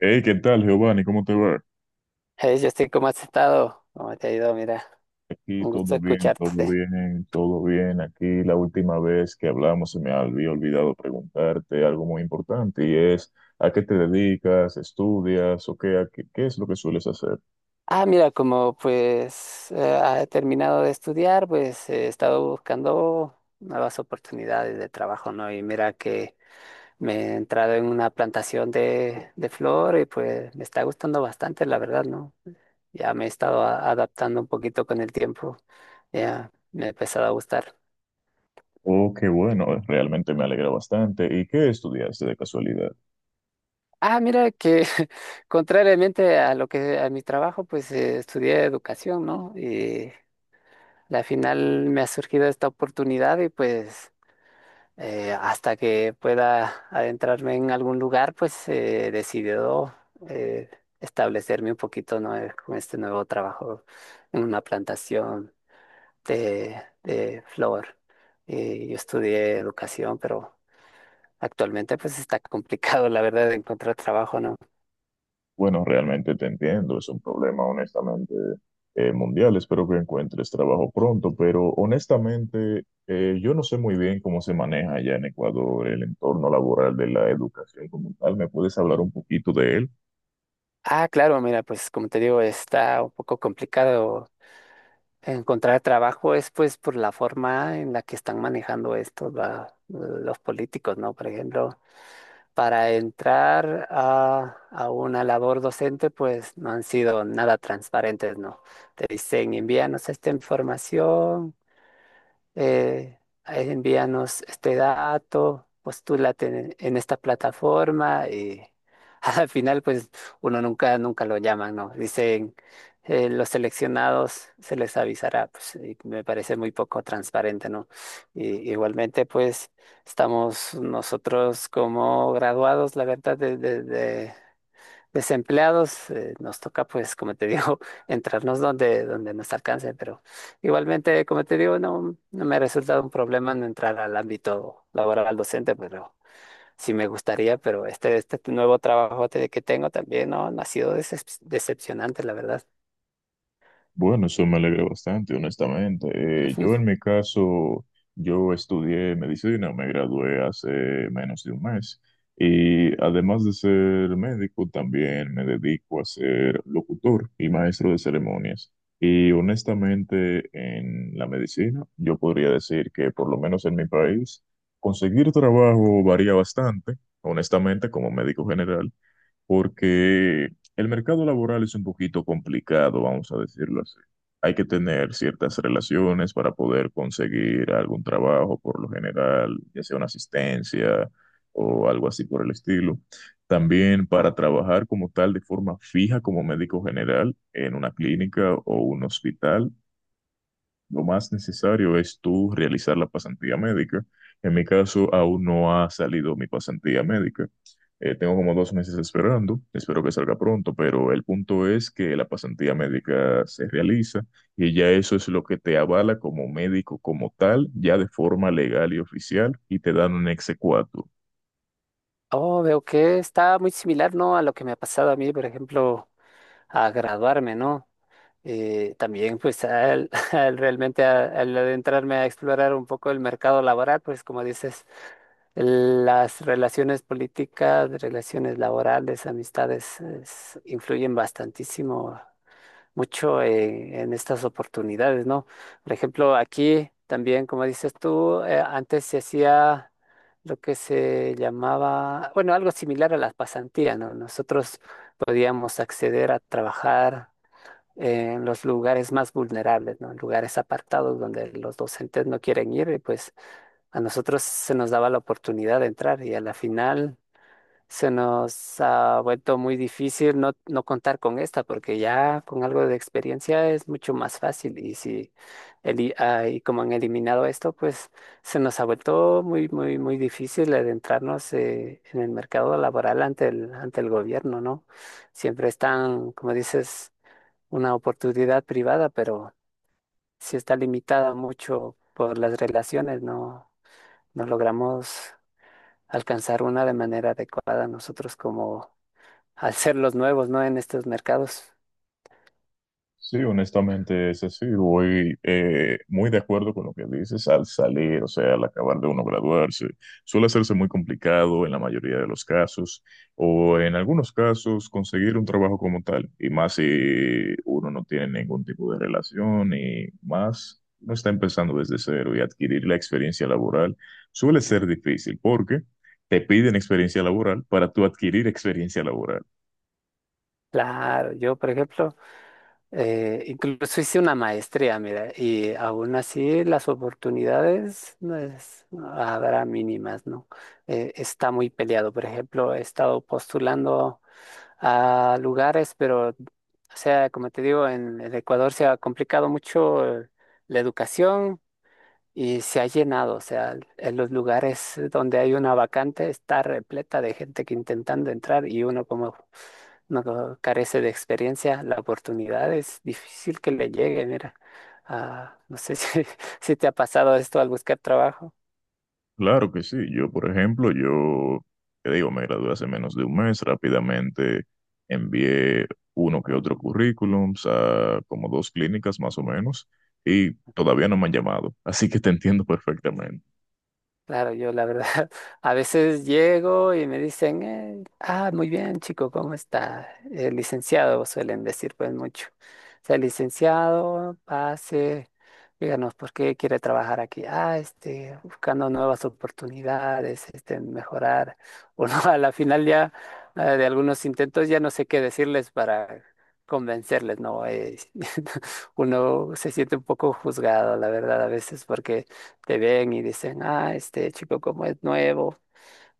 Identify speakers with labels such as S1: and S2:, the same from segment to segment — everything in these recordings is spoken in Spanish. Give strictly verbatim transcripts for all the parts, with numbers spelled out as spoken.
S1: Hey, ¿qué tal, Giovanni? ¿Cómo te va?
S2: Hey, Justin, ¿cómo has estado? ¿Cómo te ha ido? Mira,
S1: Aquí
S2: un gusto
S1: todo bien, todo
S2: escucharte.
S1: bien, todo bien. Aquí la última vez que hablamos se me había olvidado preguntarte algo muy importante y es, ¿a qué te dedicas? ¿Estudias o qué, a qué, qué es lo que sueles hacer?
S2: Ah, mira, como pues eh, he terminado de estudiar, pues eh, he estado buscando nuevas oportunidades de trabajo, ¿no? Y mira que me he entrado en una plantación de, de flor y pues me está gustando bastante, la verdad, ¿no? Ya me he estado a- adaptando un poquito con el tiempo, ya me ha empezado a gustar.
S1: Oh, qué bueno, realmente me alegra bastante. ¿Y qué estudiaste de casualidad?
S2: Ah, mira que contrariamente a lo que a mi trabajo, pues eh, estudié educación, ¿no? Y la final me ha surgido esta oportunidad y pues eh, hasta que pueda adentrarme en algún lugar, pues he decidido eh, establecerme un poquito, ¿no? eh, con este nuevo trabajo en una plantación de, de flor. Eh, yo estudié educación, pero actualmente pues está complicado, la verdad, de encontrar trabajo, ¿no?
S1: Bueno, realmente te entiendo, es un problema honestamente eh, mundial. Espero que encuentres trabajo pronto, pero honestamente eh, yo no sé muy bien cómo se maneja allá en Ecuador el entorno laboral de la educación como tal. ¿Me puedes hablar un poquito de él?
S2: Ah, claro, mira, pues como te digo, está un poco complicado. Encontrar trabajo es pues por la forma en la que están manejando esto va, los políticos, ¿no? Por ejemplo, para entrar a, a una labor docente, pues no han sido nada transparentes, ¿no? Te dicen, envíanos esta información, eh, envíanos este dato, postúlate en, en esta plataforma y al final pues uno nunca, nunca lo llaman, ¿no? Dicen, eh, los seleccionados se les avisará, pues y me parece muy poco transparente, ¿no? Y, igualmente pues estamos nosotros como graduados, la verdad, desde desempleados, eh, nos toca, pues, como te digo, entrarnos donde, donde nos alcance, pero igualmente, como te digo, no, no me ha resultado un problema en entrar al ámbito laboral docente, pero sí me gustaría, pero este, este nuevo trabajo te- que tengo también, no, no ha sido decep- decepcionante, la verdad.
S1: Bueno, eso me alegra bastante, honestamente. Eh,
S2: Ujú.
S1: yo en mi caso, yo estudié medicina, me gradué hace menos de un mes y además de ser médico, también me dedico a ser locutor y maestro de ceremonias. Y honestamente, en la medicina, yo podría decir que por lo menos en mi país, conseguir trabajo varía bastante, honestamente, como médico general porque el mercado laboral es un poquito complicado, vamos a decirlo así. Hay que tener ciertas relaciones para poder conseguir algún trabajo, por lo general, ya sea una asistencia o algo así por el estilo. También para trabajar como tal de forma fija como médico general en una clínica o un hospital, lo más necesario es tú realizar la pasantía médica. En mi caso, aún no ha salido mi pasantía médica. Eh, tengo como dos meses esperando, espero que salga pronto, pero el punto es que la pasantía médica se realiza y ya eso es lo que te avala como médico como tal, ya de forma legal y oficial, y te dan un exequatur.
S2: Oh, veo que está muy similar, ¿no? A lo que me ha pasado a mí, por ejemplo, a graduarme, ¿no? Eh, también pues al, al realmente a- al adentrarme a explorar un poco el mercado laboral, pues como dices, las relaciones políticas, relaciones laborales, amistades es- influyen bastantísimo, mucho eh, en estas oportunidades, ¿no? Por ejemplo, aquí también, como dices tú, eh, antes se hacía lo que se llamaba, bueno, algo similar a las pasantías, ¿no? Nosotros podíamos acceder a trabajar eh, en los lugares más vulnerables, ¿no? En lugares apartados donde los docentes no quieren ir, y pues a nosotros se nos daba la oportunidad de entrar y a la final se nos ha vuelto muy difícil no, no contar con esta, porque ya con algo de experiencia es mucho más fácil y si eli- ah, y como han eliminado esto, pues se nos ha vuelto muy, muy, muy difícil adentrarnos eh, en el mercado laboral ante el, ante el gobierno, ¿no? Siempre están, como dices, una oportunidad privada, pero sí está limitada mucho por las relaciones, no, no logramos alcanzar una de manera adecuada nosotros como al ser los nuevos, ¿no? En estos mercados.
S1: Sí, honestamente es así. Voy eh, muy de acuerdo con lo que dices al salir, o sea, al acabar de uno graduarse. Suele hacerse muy complicado en la mayoría de los casos, o en algunos casos conseguir un trabajo como tal, y más si uno no tiene ningún tipo de relación y más no está empezando desde cero y adquirir la experiencia laboral suele ser difícil porque te piden experiencia laboral para tú adquirir experiencia laboral.
S2: Claro, yo, por ejemplo, eh, incluso hice una maestría, mira, y aún así las oportunidades no es- no habrá mínimas, ¿no? Eh, está muy peleado. Por ejemplo, he estado postulando a lugares, pero, o sea, como te digo, en, el Ecuador se ha complicado mucho eh, la educación y se ha llenado, o sea, en los lugares donde hay una vacante está repleta de gente que intentando entrar y uno como no carece de experiencia, la oportunidad es difícil que le llegue, mira. Ah, no sé si, si te ha pasado esto al buscar trabajo.
S1: Claro que sí. Yo, por ejemplo, yo, te digo, me gradué hace menos de un mes, rápidamente envié uno que otro currículum a como dos clínicas más o menos, y todavía no me han llamado, así que te entiendo perfectamente.
S2: Claro, yo la verdad, a veces llego y me dicen, eh, ah, muy bien, chico, ¿cómo está? El licenciado, suelen decir pues mucho. O sea, licenciado, pase, díganos por qué quiere trabajar aquí. Ah, este, buscando nuevas oportunidades, este, mejorar. Uno a la final ya eh, de algunos intentos ya no sé qué decirles para convencerles, ¿no? Eh, uno se siente un poco juzgado, la verdad, a veces, porque te ven y dicen, ah, este chico como es nuevo,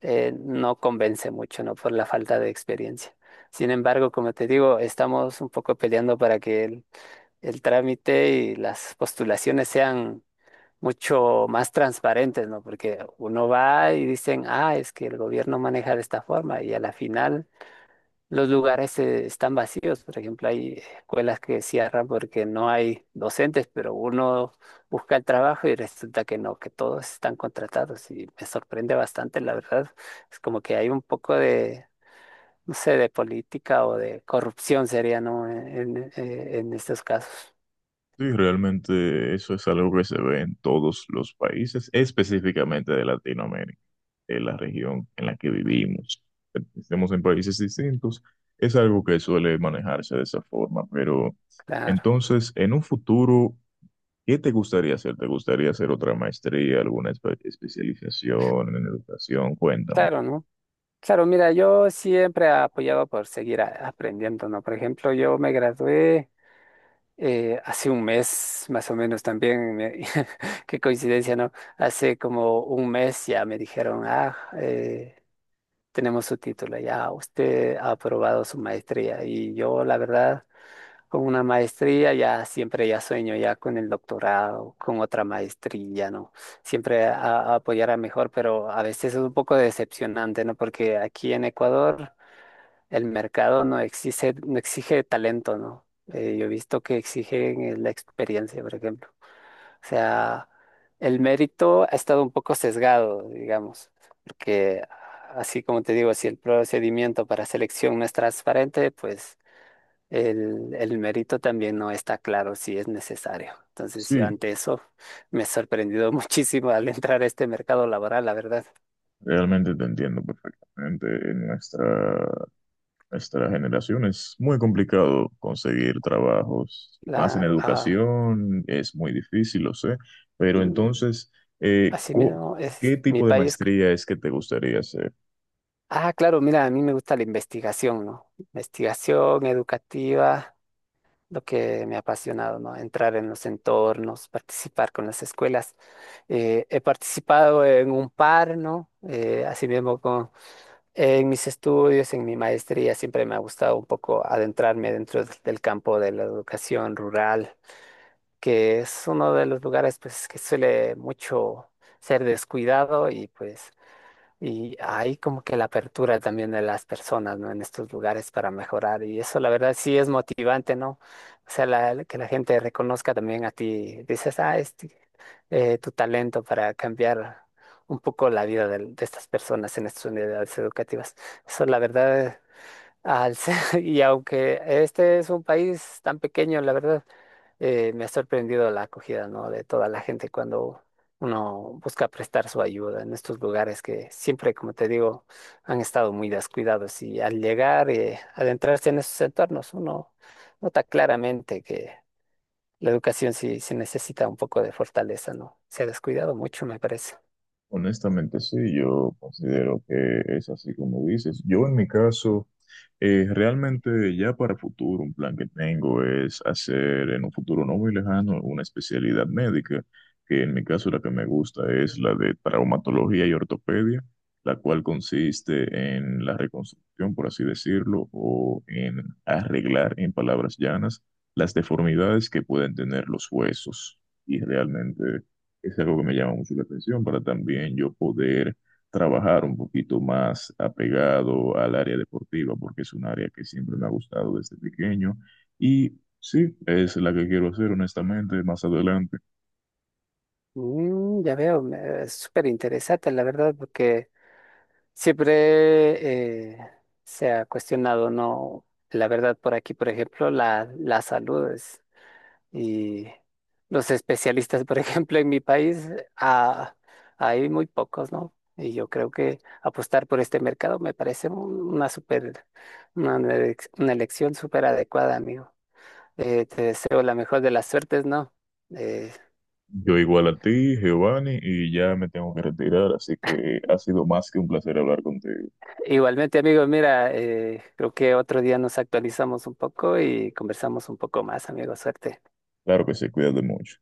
S2: eh, no convence mucho, ¿no? Por la falta de experiencia. Sin embargo, como te digo, estamos un poco peleando para que el, el trámite y las postulaciones sean mucho más transparentes, ¿no? Porque uno va y dicen, ah, es que el gobierno maneja de esta forma y a la final los lugares eh, están vacíos, por ejemplo, hay escuelas que cierran porque no hay docentes, pero uno busca el trabajo y resulta que no, que todos están contratados y me sorprende bastante, la verdad. Es como que hay un poco de, no sé, de política o de corrupción sería, ¿no? En, en- eh, en estos casos.
S1: Sí, realmente eso es algo que se ve en todos los países, específicamente de Latinoamérica, de la región en la que vivimos. Estemos en países distintos, es algo que suele manejarse de esa forma, pero
S2: Claro,
S1: entonces, en un futuro, ¿qué te gustaría hacer? ¿Te gustaría hacer otra maestría, alguna espe- especialización en educación? Cuéntame.
S2: claro, ¿no? Claro, mira, yo siempre apoyaba por seguir a- aprendiendo, ¿no? Por ejemplo, yo me gradué. Eh, hace un mes, más o menos también, me- qué coincidencia, ¿no? Hace como un mes ya me dijeron, ah, eh, tenemos su título, ya usted ha aprobado su maestría. Y yo, la verdad, con una maestría ya siempre ya sueño ya con el doctorado, con otra maestría, ¿no? Siempre a, a apoyar a mejor, pero a veces es un poco decepcionante, ¿no? Porque aquí en Ecuador, el mercado no exige, no exige talento, ¿no? Eh, yo he visto que exigen eh, la experiencia, por ejemplo. O sea, el mérito ha estado un poco sesgado, digamos, porque así como te digo, si el procedimiento para selección no es transparente, pues el, el mérito también no está claro si es necesario. Entonces yo
S1: Sí,
S2: ante eso me he sorprendido muchísimo al entrar a este mercado laboral, la verdad.
S1: realmente te entiendo perfectamente. En nuestra, nuestra generación es muy complicado conseguir trabajos, más en
S2: La, ah,
S1: educación, es muy difícil, lo sé. Pero entonces, eh,
S2: así
S1: cu-
S2: mismo
S1: ¿qué
S2: es mi
S1: tipo de
S2: país.
S1: maestría es que te gustaría hacer?
S2: Ah, claro, mira, a mí me gusta la investigación, ¿no? Investigación educativa, lo que me ha apasionado, ¿no? Entrar en los entornos, participar con las escuelas. Eh, he participado en un par, ¿no? Eh, así mismo con, en mis estudios, en mi maestría, siempre me ha gustado un poco adentrarme dentro del del campo de la educación rural, que es uno de los lugares, pues, que suele mucho ser descuidado y pues... Y hay como que la apertura también de las personas, ¿no? En estos lugares para mejorar. Y eso, la verdad, sí es motivante, ¿no? O sea, la- que la gente reconozca también a ti. Dices, ah, este, eh, tu talento para cambiar un poco la vida de, de estas personas en estas unidades educativas. Eso, la verdad, al ser- y aunque este es un país tan pequeño, la verdad eh, me ha sorprendido la acogida, ¿no? De toda la gente cuando uno busca prestar su ayuda en estos lugares que siempre, como te digo, han estado muy descuidados y al llegar y adentrarse en esos entornos, uno nota claramente que la educación sí, sí necesita un poco de fortaleza, ¿no? Se ha descuidado mucho, me parece.
S1: Honestamente, sí, yo considero que es así como dices. Yo en mi caso, eh, realmente ya para futuro, un plan que tengo es hacer en un futuro no muy lejano una especialidad médica, que en mi caso la que me gusta es la de traumatología y ortopedia, la cual consiste en la reconstrucción, por así decirlo, o en arreglar, en palabras llanas, las deformidades que pueden tener los huesos. Y realmente es algo que me llama mucho la atención para también yo poder trabajar un poquito más apegado al área deportiva, porque es un área que siempre me ha gustado desde pequeño. Y sí, es la que quiero hacer, honestamente, más adelante.
S2: Mm, ya veo, me- es súper interesante, la verdad, porque... Siempre eh, se ha cuestionado, ¿no? La verdad, por aquí, por ejemplo, la, la salud es- y los especialistas, por ejemplo, en mi país, ah, hay muy pocos, ¿no? Y yo creo que apostar por este mercado me parece un- una super, una, elec- una elección súper adecuada, amigo. Eh, te deseo la mejor de las suertes, ¿no? Eh,
S1: Yo igual a ti, Giovanni, y ya me tengo que retirar, así que ha sido más que un placer hablar contigo.
S2: Igualmente, amigo, mira, eh, creo que otro día nos actualizamos un poco y conversamos un poco más, amigo. Suerte.
S1: Claro que se cuida de mucho.